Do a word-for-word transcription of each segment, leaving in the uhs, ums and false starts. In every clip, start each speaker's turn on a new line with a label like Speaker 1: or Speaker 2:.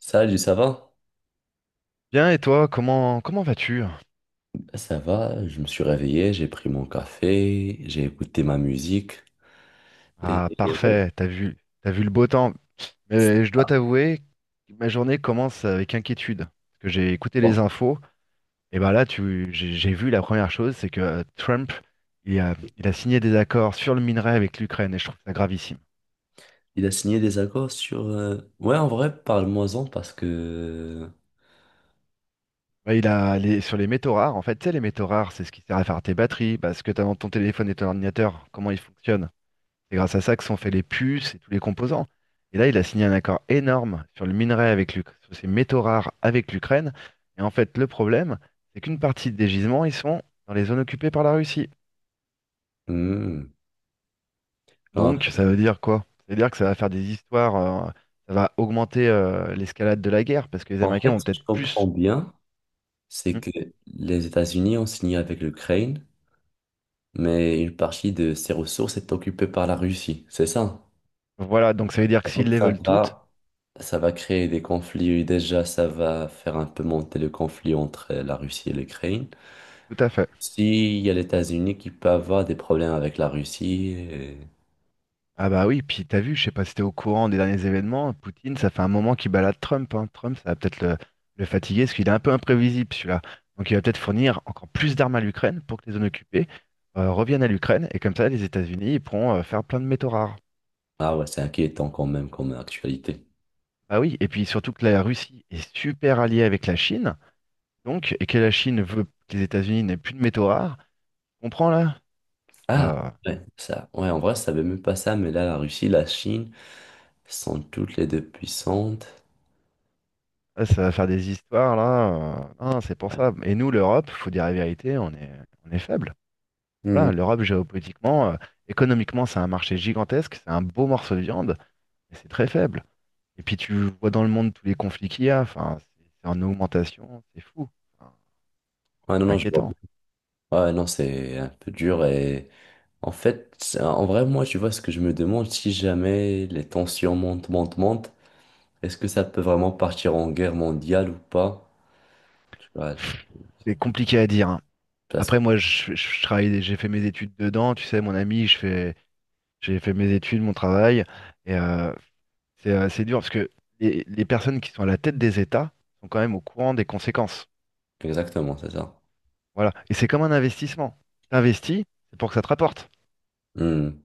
Speaker 1: Salut, ça va?
Speaker 2: Bien, et toi, comment comment vas-tu?
Speaker 1: Ben, ça va, je me suis réveillé, j'ai pris mon café, j'ai écouté ma musique. Et,
Speaker 2: Ah,
Speaker 1: et ouais,
Speaker 2: parfait, t'as vu t'as vu le beau temps. Mais je dois
Speaker 1: ça
Speaker 2: t'avouer, ma journée commence avec inquiétude. Parce que j'ai écouté
Speaker 1: va.
Speaker 2: les infos, et ben là, tu j'ai j'ai vu la première chose, c'est que euh, Trump, il a, il a signé des accords sur le minerai avec l'Ukraine, et je trouve ça gravissime.
Speaker 1: Il a signé des accords sur, euh, ouais, en vrai, parle-moi-en, parce que.
Speaker 2: Ouais, il a les- sur les métaux rares, en fait, tu sais, les métaux rares, c'est ce qui sert à faire tes batteries, bah, ce que t'as dans ton téléphone et ton ordinateur, comment ils fonctionnent. C'est grâce à ça que sont faits les puces et tous les composants. Et là, il a signé un accord énorme sur le minerai avec l'Uk- sur ces métaux rares avec l'Ukraine. Et en fait, le problème, c'est qu'une partie des gisements, ils sont dans les zones occupées par la Russie.
Speaker 1: Hmm. En
Speaker 2: Donc, ça
Speaker 1: fait,
Speaker 2: veut dire quoi? Ça veut dire que ça va faire des histoires, euh, ça va augmenter euh, l'escalade de la guerre, parce que les
Speaker 1: en
Speaker 2: Américains
Speaker 1: fait,
Speaker 2: vont
Speaker 1: si je
Speaker 2: peut-être
Speaker 1: comprends
Speaker 2: plus.
Speaker 1: bien, c'est
Speaker 2: Hmm.
Speaker 1: que les États-Unis ont signé avec l'Ukraine, mais une partie de ses ressources est occupée par la Russie, c'est ça?
Speaker 2: Voilà, donc ça veut dire que s'ils
Speaker 1: Donc
Speaker 2: les
Speaker 1: ça
Speaker 2: veulent toutes,
Speaker 1: va. Ça va créer des conflits. Déjà, ça va faire un peu monter le conflit entre la Russie et l'Ukraine.
Speaker 2: tout à fait.
Speaker 1: S'il y a les États-Unis qui peut avoir des problèmes avec la Russie, et-
Speaker 2: Ah bah oui, puis t'as vu, je sais pas si t'es au courant des derniers événements, Poutine, ça fait un moment qu'il balade Trump, hein. Trump, ça va peut-être le, le fatiguer, parce qu'il est un peu imprévisible celui-là. Donc il va peut-être fournir encore plus d'armes à l'Ukraine pour que les zones occupées euh, reviennent à l'Ukraine, et comme ça les États-Unis ils pourront euh, faire plein de métaux rares.
Speaker 1: ah ouais, c'est inquiétant quand même comme actualité.
Speaker 2: Ah oui, et puis surtout que la Russie est super alliée avec la Chine, donc, et que la Chine veut que les États-Unis n'aient plus de métaux rares, tu comprends là?
Speaker 1: Ah,
Speaker 2: Ah,
Speaker 1: ouais, ça, ouais, en vrai, je savais même pas ça, mais là, la Russie, la Chine sont toutes les deux puissantes.
Speaker 2: là, ça va faire des histoires là, euh, non, c'est pour
Speaker 1: Ouais.
Speaker 2: ça. Et nous, l'Europe, faut dire la vérité, on est, on est faible.
Speaker 1: Hmm.
Speaker 2: Voilà, l'Europe géopolitiquement, euh, économiquement, c'est un marché gigantesque, c'est un beau morceau de viande, mais c'est très faible. Et puis tu vois dans le monde tous les conflits qu'il y a, enfin, c'est c'est en augmentation, c'est fou. Enfin,
Speaker 1: Ouais, non,
Speaker 2: c'est
Speaker 1: non, je vois.
Speaker 2: inquiétant.
Speaker 1: Ouais, non, c'est un peu dur et en fait, c'est- en vrai, moi, tu vois, ce que je me demande, si jamais les tensions montent, montent, montent, est-ce que ça peut vraiment partir en guerre mondiale ou pas? Tu vois, je-
Speaker 2: C'est compliqué à dire, hein.
Speaker 1: parce que-
Speaker 2: Après, moi, je, je- je travaille, j'ai fait mes études dedans, tu sais, mon ami, je fais, j'ai fait mes études, mon travail, et euh, c'est euh, c'est dur parce que les, les personnes qui sont à la tête des États sont quand même au courant des conséquences.
Speaker 1: exactement, c'est ça.
Speaker 2: Voilà, et c'est comme un investissement. T'investis, c'est pour que ça te rapporte.
Speaker 1: Hmm,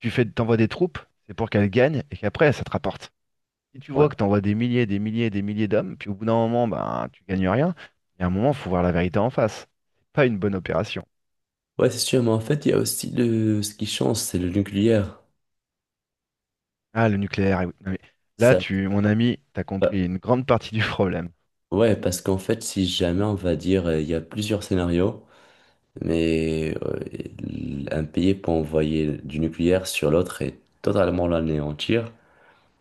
Speaker 2: Tu fais, t'envoies des troupes, c'est pour qu'elles gagnent et qu'après, ça te rapporte. Si tu
Speaker 1: ouais.
Speaker 2: vois que t'envoies des milliers, des milliers, des milliers d'hommes, puis au bout d'un moment, ben, tu gagnes rien, il y a un moment, faut voir la vérité en face. C'est pas une bonne opération.
Speaker 1: Ouais, c'est sûr, mais en fait, il y a aussi le... ce qui change, c'est le nucléaire.
Speaker 2: Ah, le nucléaire. Eh oui. Non, mais là,
Speaker 1: Ça.
Speaker 2: tu, mon ami, t'as
Speaker 1: Ouais,
Speaker 2: compris une grande partie du problème.
Speaker 1: ouais, parce qu'en fait, si jamais, on va dire, euh, il y a plusieurs scénarios, mais euh, un pays peut envoyer du nucléaire sur l'autre et totalement l'anéantir.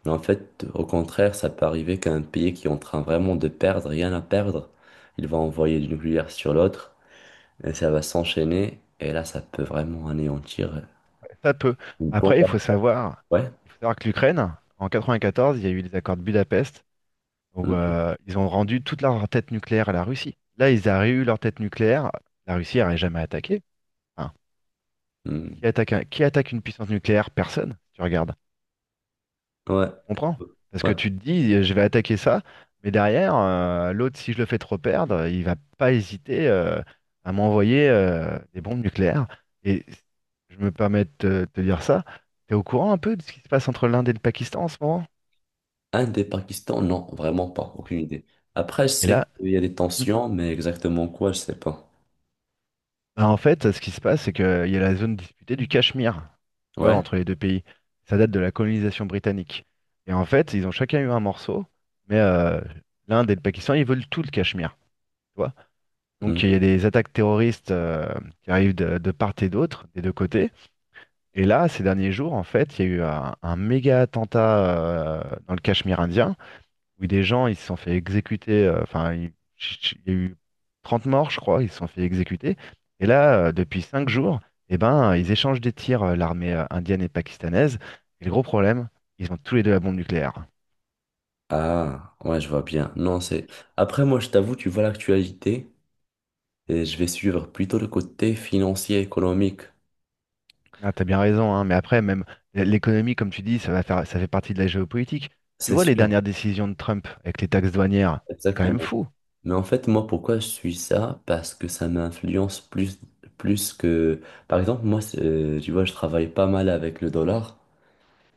Speaker 1: Mais en fait, au contraire, ça peut arriver qu'un pays qui est en train vraiment de perdre, rien à perdre, il va envoyer du nucléaire sur l'autre. Et ça va s'enchaîner. Et là, ça peut vraiment anéantir
Speaker 2: Ça peut.
Speaker 1: une bombe.
Speaker 2: Après, il faut savoir,
Speaker 1: Ouais.
Speaker 2: il faut savoir que l'Ukraine, en quatre-vingt-quatorze, il y a eu les accords de Budapest où
Speaker 1: Mm,
Speaker 2: euh, ils ont rendu toute leur tête nucléaire à la Russie. Là, ils auraient eu leur tête nucléaire, la Russie n'aurait jamais attaqué. Enfin,
Speaker 1: mm.
Speaker 2: Qui attaque un- qui attaque une puissance nucléaire? Personne. Tu regardes. Tu
Speaker 1: Ouais.
Speaker 2: comprends? Parce que
Speaker 1: Ouais.
Speaker 2: tu te dis, je vais attaquer ça, mais derrière, euh, l'autre, si je le fais trop perdre, il va pas hésiter euh, à m'envoyer euh, des bombes nucléaires. Et je me permets de te, te dire ça. T'es au courant un peu de ce qui se passe entre l'Inde et le Pakistan en ce moment?
Speaker 1: Un des Pakistan, non, vraiment pas. Aucune idée. Après, je
Speaker 2: Et
Speaker 1: sais
Speaker 2: là,
Speaker 1: qu'il y a des tensions, mais exactement quoi, je sais pas.
Speaker 2: bah, en fait, ce qui se passe, c'est qu'il y a la zone disputée du Cachemire, tu vois,
Speaker 1: Ouais.
Speaker 2: entre les deux pays. Ça date de la colonisation britannique. Et en fait, ils ont chacun eu un morceau, mais euh, l'Inde et le Pakistan, ils veulent tout le Cachemire, tu vois. Donc il y a
Speaker 1: Mhm.
Speaker 2: des attaques terroristes euh, qui arrivent de, de part et d'autre, des deux côtés. Et là, ces derniers jours, en fait, il y a eu un, un méga attentat euh, dans le Cachemire indien. Oui, des gens, ils se sont fait exécuter. euh, Enfin, il ch- ch- il y a eu trente morts, je crois, ils se sont fait exécuter. Et là, euh, depuis cinq jours, eh ben, ils échangent des tirs, euh, l'armée euh, indienne et pakistanaise. Et le gros problème, ils ont tous les deux la bombe nucléaire.
Speaker 1: Ah, ouais, je vois bien. Non, c'est. Après, moi, je t'avoue, tu vois l'actualité et je vais suivre plutôt le côté financier, économique.
Speaker 2: Ah, t'as bien raison, hein, mais après, même l- l'économie, comme tu dis, ça va faire, ça fait partie de la géopolitique. Tu
Speaker 1: C'est
Speaker 2: vois les
Speaker 1: sûr,
Speaker 2: dernières décisions de Trump avec les taxes douanières, c'est quand même
Speaker 1: exactement.
Speaker 2: fou.
Speaker 1: Mais en fait, moi, pourquoi je suis ça? Parce que ça m'influence plus, plus que. Par exemple, moi, c'est- euh, tu vois, je travaille pas mal avec le dollar.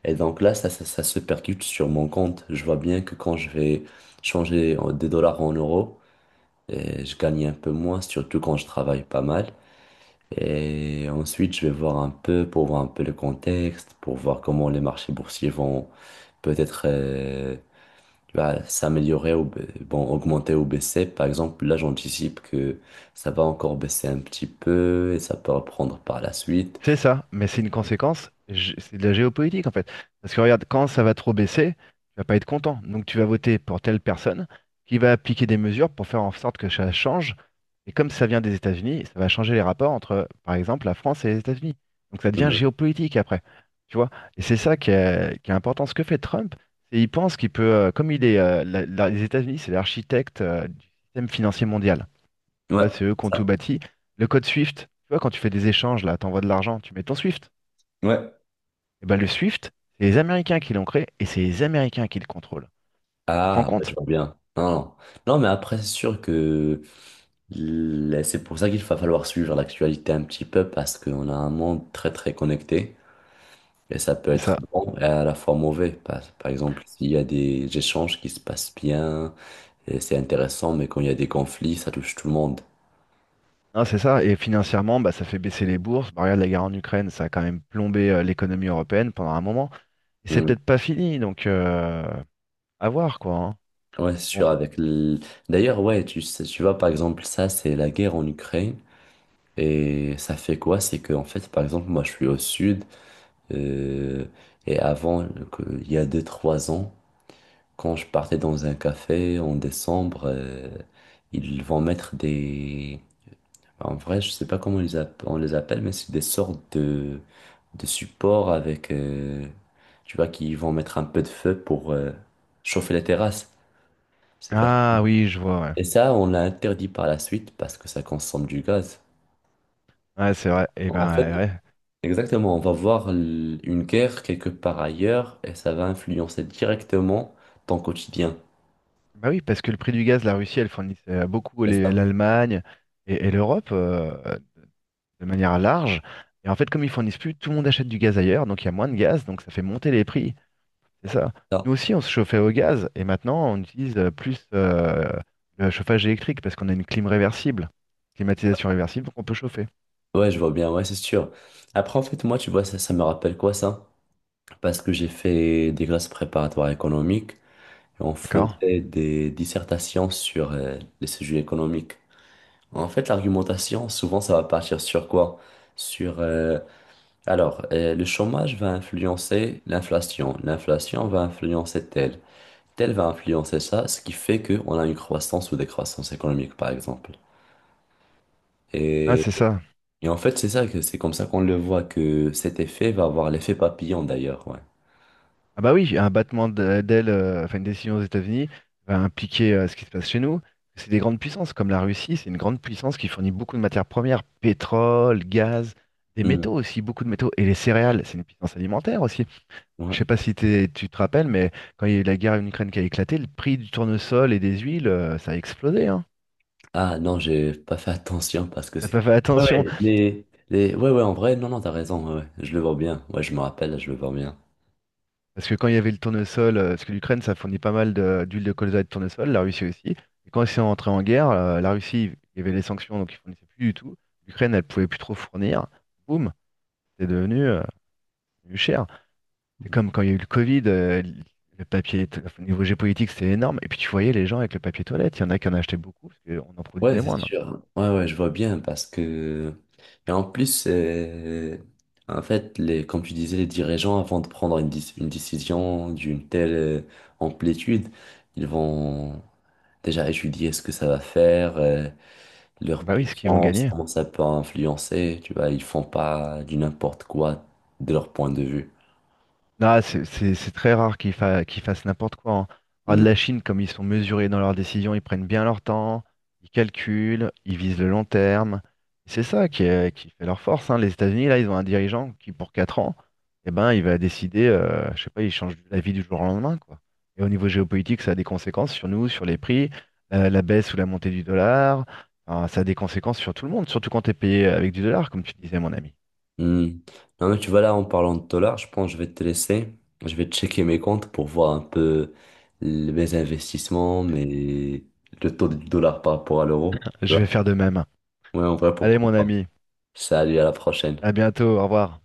Speaker 1: Et donc là, ça, ça, ça se percute sur mon compte. Je vois bien que quand je vais changer en- des dollars en euros, euh, je gagne un peu moins, surtout quand je travaille pas mal. Et ensuite, je vais voir un peu pour voir un peu le contexte, pour voir comment les marchés boursiers vont peut-être, euh, tu vas s'améliorer ou ba- bon, augmenter ou baisser. Par exemple, là, j'anticipe que ça va encore baisser un petit peu et ça peut reprendre par la suite.
Speaker 2: C'est ça, mais c'est une conséquence, gé- c'est de la géopolitique en fait. Parce que regarde, quand ça va trop baisser, tu vas pas être content. Donc tu vas voter pour telle personne qui va appliquer des mesures pour faire en sorte que ça change. Et comme ça vient des États-Unis, ça va changer les rapports entre, par exemple, la France et les États-Unis. Donc ça devient
Speaker 1: Mhm.
Speaker 2: géopolitique après. Tu vois? Et c'est ça qui est, qui est important. Ce que fait Trump, c'est il pense qu'il peut, euh, comme il est, euh, la- la- les États-Unis, c'est l'architecte, euh, du système financier mondial. Tu
Speaker 1: Ouais,
Speaker 2: vois, c'est eux qui ont tout
Speaker 1: ça.
Speaker 2: bâti. Le code SWIFT, tu vois, quand tu fais des échanges, là, t'envoies de l'argent, tu mets ton SWIFT.
Speaker 1: Ouais.
Speaker 2: Et ben le SWIFT, c'est les Américains qui l'ont créé et c'est les Américains qui le contrôlent. Tu te rends
Speaker 1: Ah, bah, je
Speaker 2: compte?
Speaker 1: vois bien. Non, non. Non, mais après, c'est sûr que l- c'est pour ça qu'il va falloir suivre l'actualité un petit peu parce qu'on a un monde très, très connecté. Et ça peut
Speaker 2: C'est
Speaker 1: être
Speaker 2: ça.
Speaker 1: bon et à la fois mauvais. Par, par exemple, s'il y a des échanges qui se passent bien, et c'est intéressant, mais quand il y a des conflits, ça touche tout le monde.
Speaker 2: Non, c'est ça. Et financièrement, bah, ça fait baisser les bourses. Bah, regarde la guerre en Ukraine, ça a quand même plombé euh, l'économie européenne pendant un moment. Et c'est peut-être pas fini, donc euh, à voir quoi, hein.
Speaker 1: Ouais, c'est
Speaker 2: Donc bon.
Speaker 1: sûr, avec l- d'ailleurs, ouais, tu sais, tu vois, par exemple, ça, c'est la guerre en Ukraine. Et ça fait quoi? C'est que, en fait, par exemple, moi, je suis au sud. euh, et avant, que- il y a deux trois ans, quand je partais dans un café en décembre, euh, ils vont mettre des, enfin, en vrai, je sais pas comment ils app- on les appelle, mais c'est des sortes de, de supports avec, euh, tu vois, qui vont mettre un peu de feu pour euh, chauffer les terrasses. Je sais pas si.
Speaker 2: Ah oui, je vois, ouais.
Speaker 1: Et ça, on l'a interdit par la suite parce que ça consomme du gaz.
Speaker 2: Ouais, c'est vrai. Et
Speaker 1: En
Speaker 2: ben
Speaker 1: fait,
Speaker 2: ouais, ouais.
Speaker 1: exactement, on va voir l- une guerre quelque part ailleurs et ça va influencer directement ton quotidien.
Speaker 2: Bah oui, parce que le prix du gaz, la Russie, elle fournit euh, beaucoup
Speaker 1: C'est
Speaker 2: les-
Speaker 1: ça?
Speaker 2: l'Allemagne et, et l'Europe euh, de manière large. Et en fait, comme ils fournissent plus, tout le monde achète du gaz ailleurs, donc il y a moins de gaz, donc ça fait monter les prix. C'est ça.
Speaker 1: Ça.
Speaker 2: Nous aussi, on se chauffait au gaz et maintenant, on utilise euh, plus euh, le chauffage électrique parce qu'on a une clim réversible, climatisation réversible, donc on peut chauffer.
Speaker 1: Ouais, je vois bien, ouais, c'est sûr. Après, en fait, moi, tu vois, ça, ça me rappelle quoi ça? Parce que j'ai fait des classes préparatoires économiques et on
Speaker 2: D'accord?
Speaker 1: faisait des dissertations sur euh, les sujets économiques. En fait, l'argumentation, souvent, ça va partir sur quoi? Sur, euh, alors, euh, le chômage va influencer l'inflation, l'inflation va influencer tel. Tel va influencer ça, ce qui fait qu'on a une croissance ou des croissances économiques, par exemple.
Speaker 2: Ah,
Speaker 1: Et,
Speaker 2: c'est ça.
Speaker 1: et en fait, c'est ça que c'est comme ça qu'on le voit que cet effet va avoir l'effet papillon d'ailleurs, ouais.
Speaker 2: Ah bah oui, un battement de- d'ailes, euh, enfin une décision aux États-Unis va impliquer euh, ce qui se passe chez nous. C'est des grandes puissances, comme la Russie, c'est une grande puissance qui fournit beaucoup de matières premières, pétrole, gaz, des
Speaker 1: Hmm,
Speaker 2: métaux aussi, beaucoup de métaux, et les céréales, c'est une puissance alimentaire aussi.
Speaker 1: ouais.
Speaker 2: Je sais pas si t'es- tu te rappelles, mais quand il y a eu la guerre en Ukraine qui a éclaté, le prix du tournesol et des huiles, euh, ça a explosé, hein.
Speaker 1: Ah non, j'ai pas fait attention parce que
Speaker 2: T'as
Speaker 1: c'est.
Speaker 2: pas fait
Speaker 1: Ouais,
Speaker 2: attention.
Speaker 1: ouais, les, les... ouais, ouais, en vrai, non, non, t'as raison, ouais, ouais, je le vois bien, ouais, je me rappelle, je le vois bien.
Speaker 2: Parce que quand il y avait le tournesol, euh, parce que l'Ukraine, ça fournit pas mal de- d'huile de colza et de tournesol, la Russie aussi. Et quand ils sont entrés en guerre, euh, la Russie, il y avait les sanctions, donc ils fournissaient plus du tout. L'Ukraine, elle pouvait plus trop fournir. Boum, c'est devenu euh, devenu cher. C'est comme quand il y a eu le Covid, euh, le papier, t- enfin, au niveau géopolitique, c'était énorme. Et puis tu voyais les gens avec le papier toilette, il y en a qui en achetaient beaucoup, parce qu'on en
Speaker 1: Ouais,
Speaker 2: produisait
Speaker 1: c'est
Speaker 2: moins. Non, mais
Speaker 1: sûr. Ouais, ouais, je vois bien parce que. Et en plus, euh, en fait, les, comme tu disais, les dirigeants, avant de prendre une, dis- une décision d'une telle euh, amplitude, ils vont déjà étudier ce que ça va faire, euh,
Speaker 2: ah
Speaker 1: leur
Speaker 2: bah oui, ce qu'ils vont
Speaker 1: puissance,
Speaker 2: gagner.
Speaker 1: comment ça peut influencer. Tu vois, ils font pas du n'importe quoi de leur point de vue.
Speaker 2: Non, c'est c'est- c'est très rare qu'ils fa- qu'ils fassent n'importe quoi, hein. Ah, de
Speaker 1: Hmm.
Speaker 2: la Chine, comme ils sont mesurés dans leurs décisions, ils prennent bien leur temps, ils calculent, ils visent le long terme. C'est ça qui, est- qui fait leur force, hein. Les États-Unis, là, ils ont un dirigeant qui, pour quatre ans, eh ben, il va décider, euh, je sais pas, il change la vie du jour au lendemain, quoi. Et au niveau géopolitique, ça a des conséquences sur nous, sur les prix, la, la baisse ou la montée du dollar. Enfin, ça a des conséquences sur tout le monde, surtout quand tu es payé avec du dollar, comme tu disais, mon ami.
Speaker 1: Hmm. Non, mais tu vois, là, en parlant de dollars, je pense que je vais te laisser. Je vais checker mes comptes pour voir un peu l- mes investissements, mes... le taux du dollar par rapport à l'euro. Tu
Speaker 2: Je vais
Speaker 1: vois?
Speaker 2: faire de même.
Speaker 1: Ouais, en vrai,
Speaker 2: Allez,
Speaker 1: pourquoi
Speaker 2: mon
Speaker 1: pas.
Speaker 2: ami,
Speaker 1: Salut, à la prochaine.
Speaker 2: à bientôt, au revoir.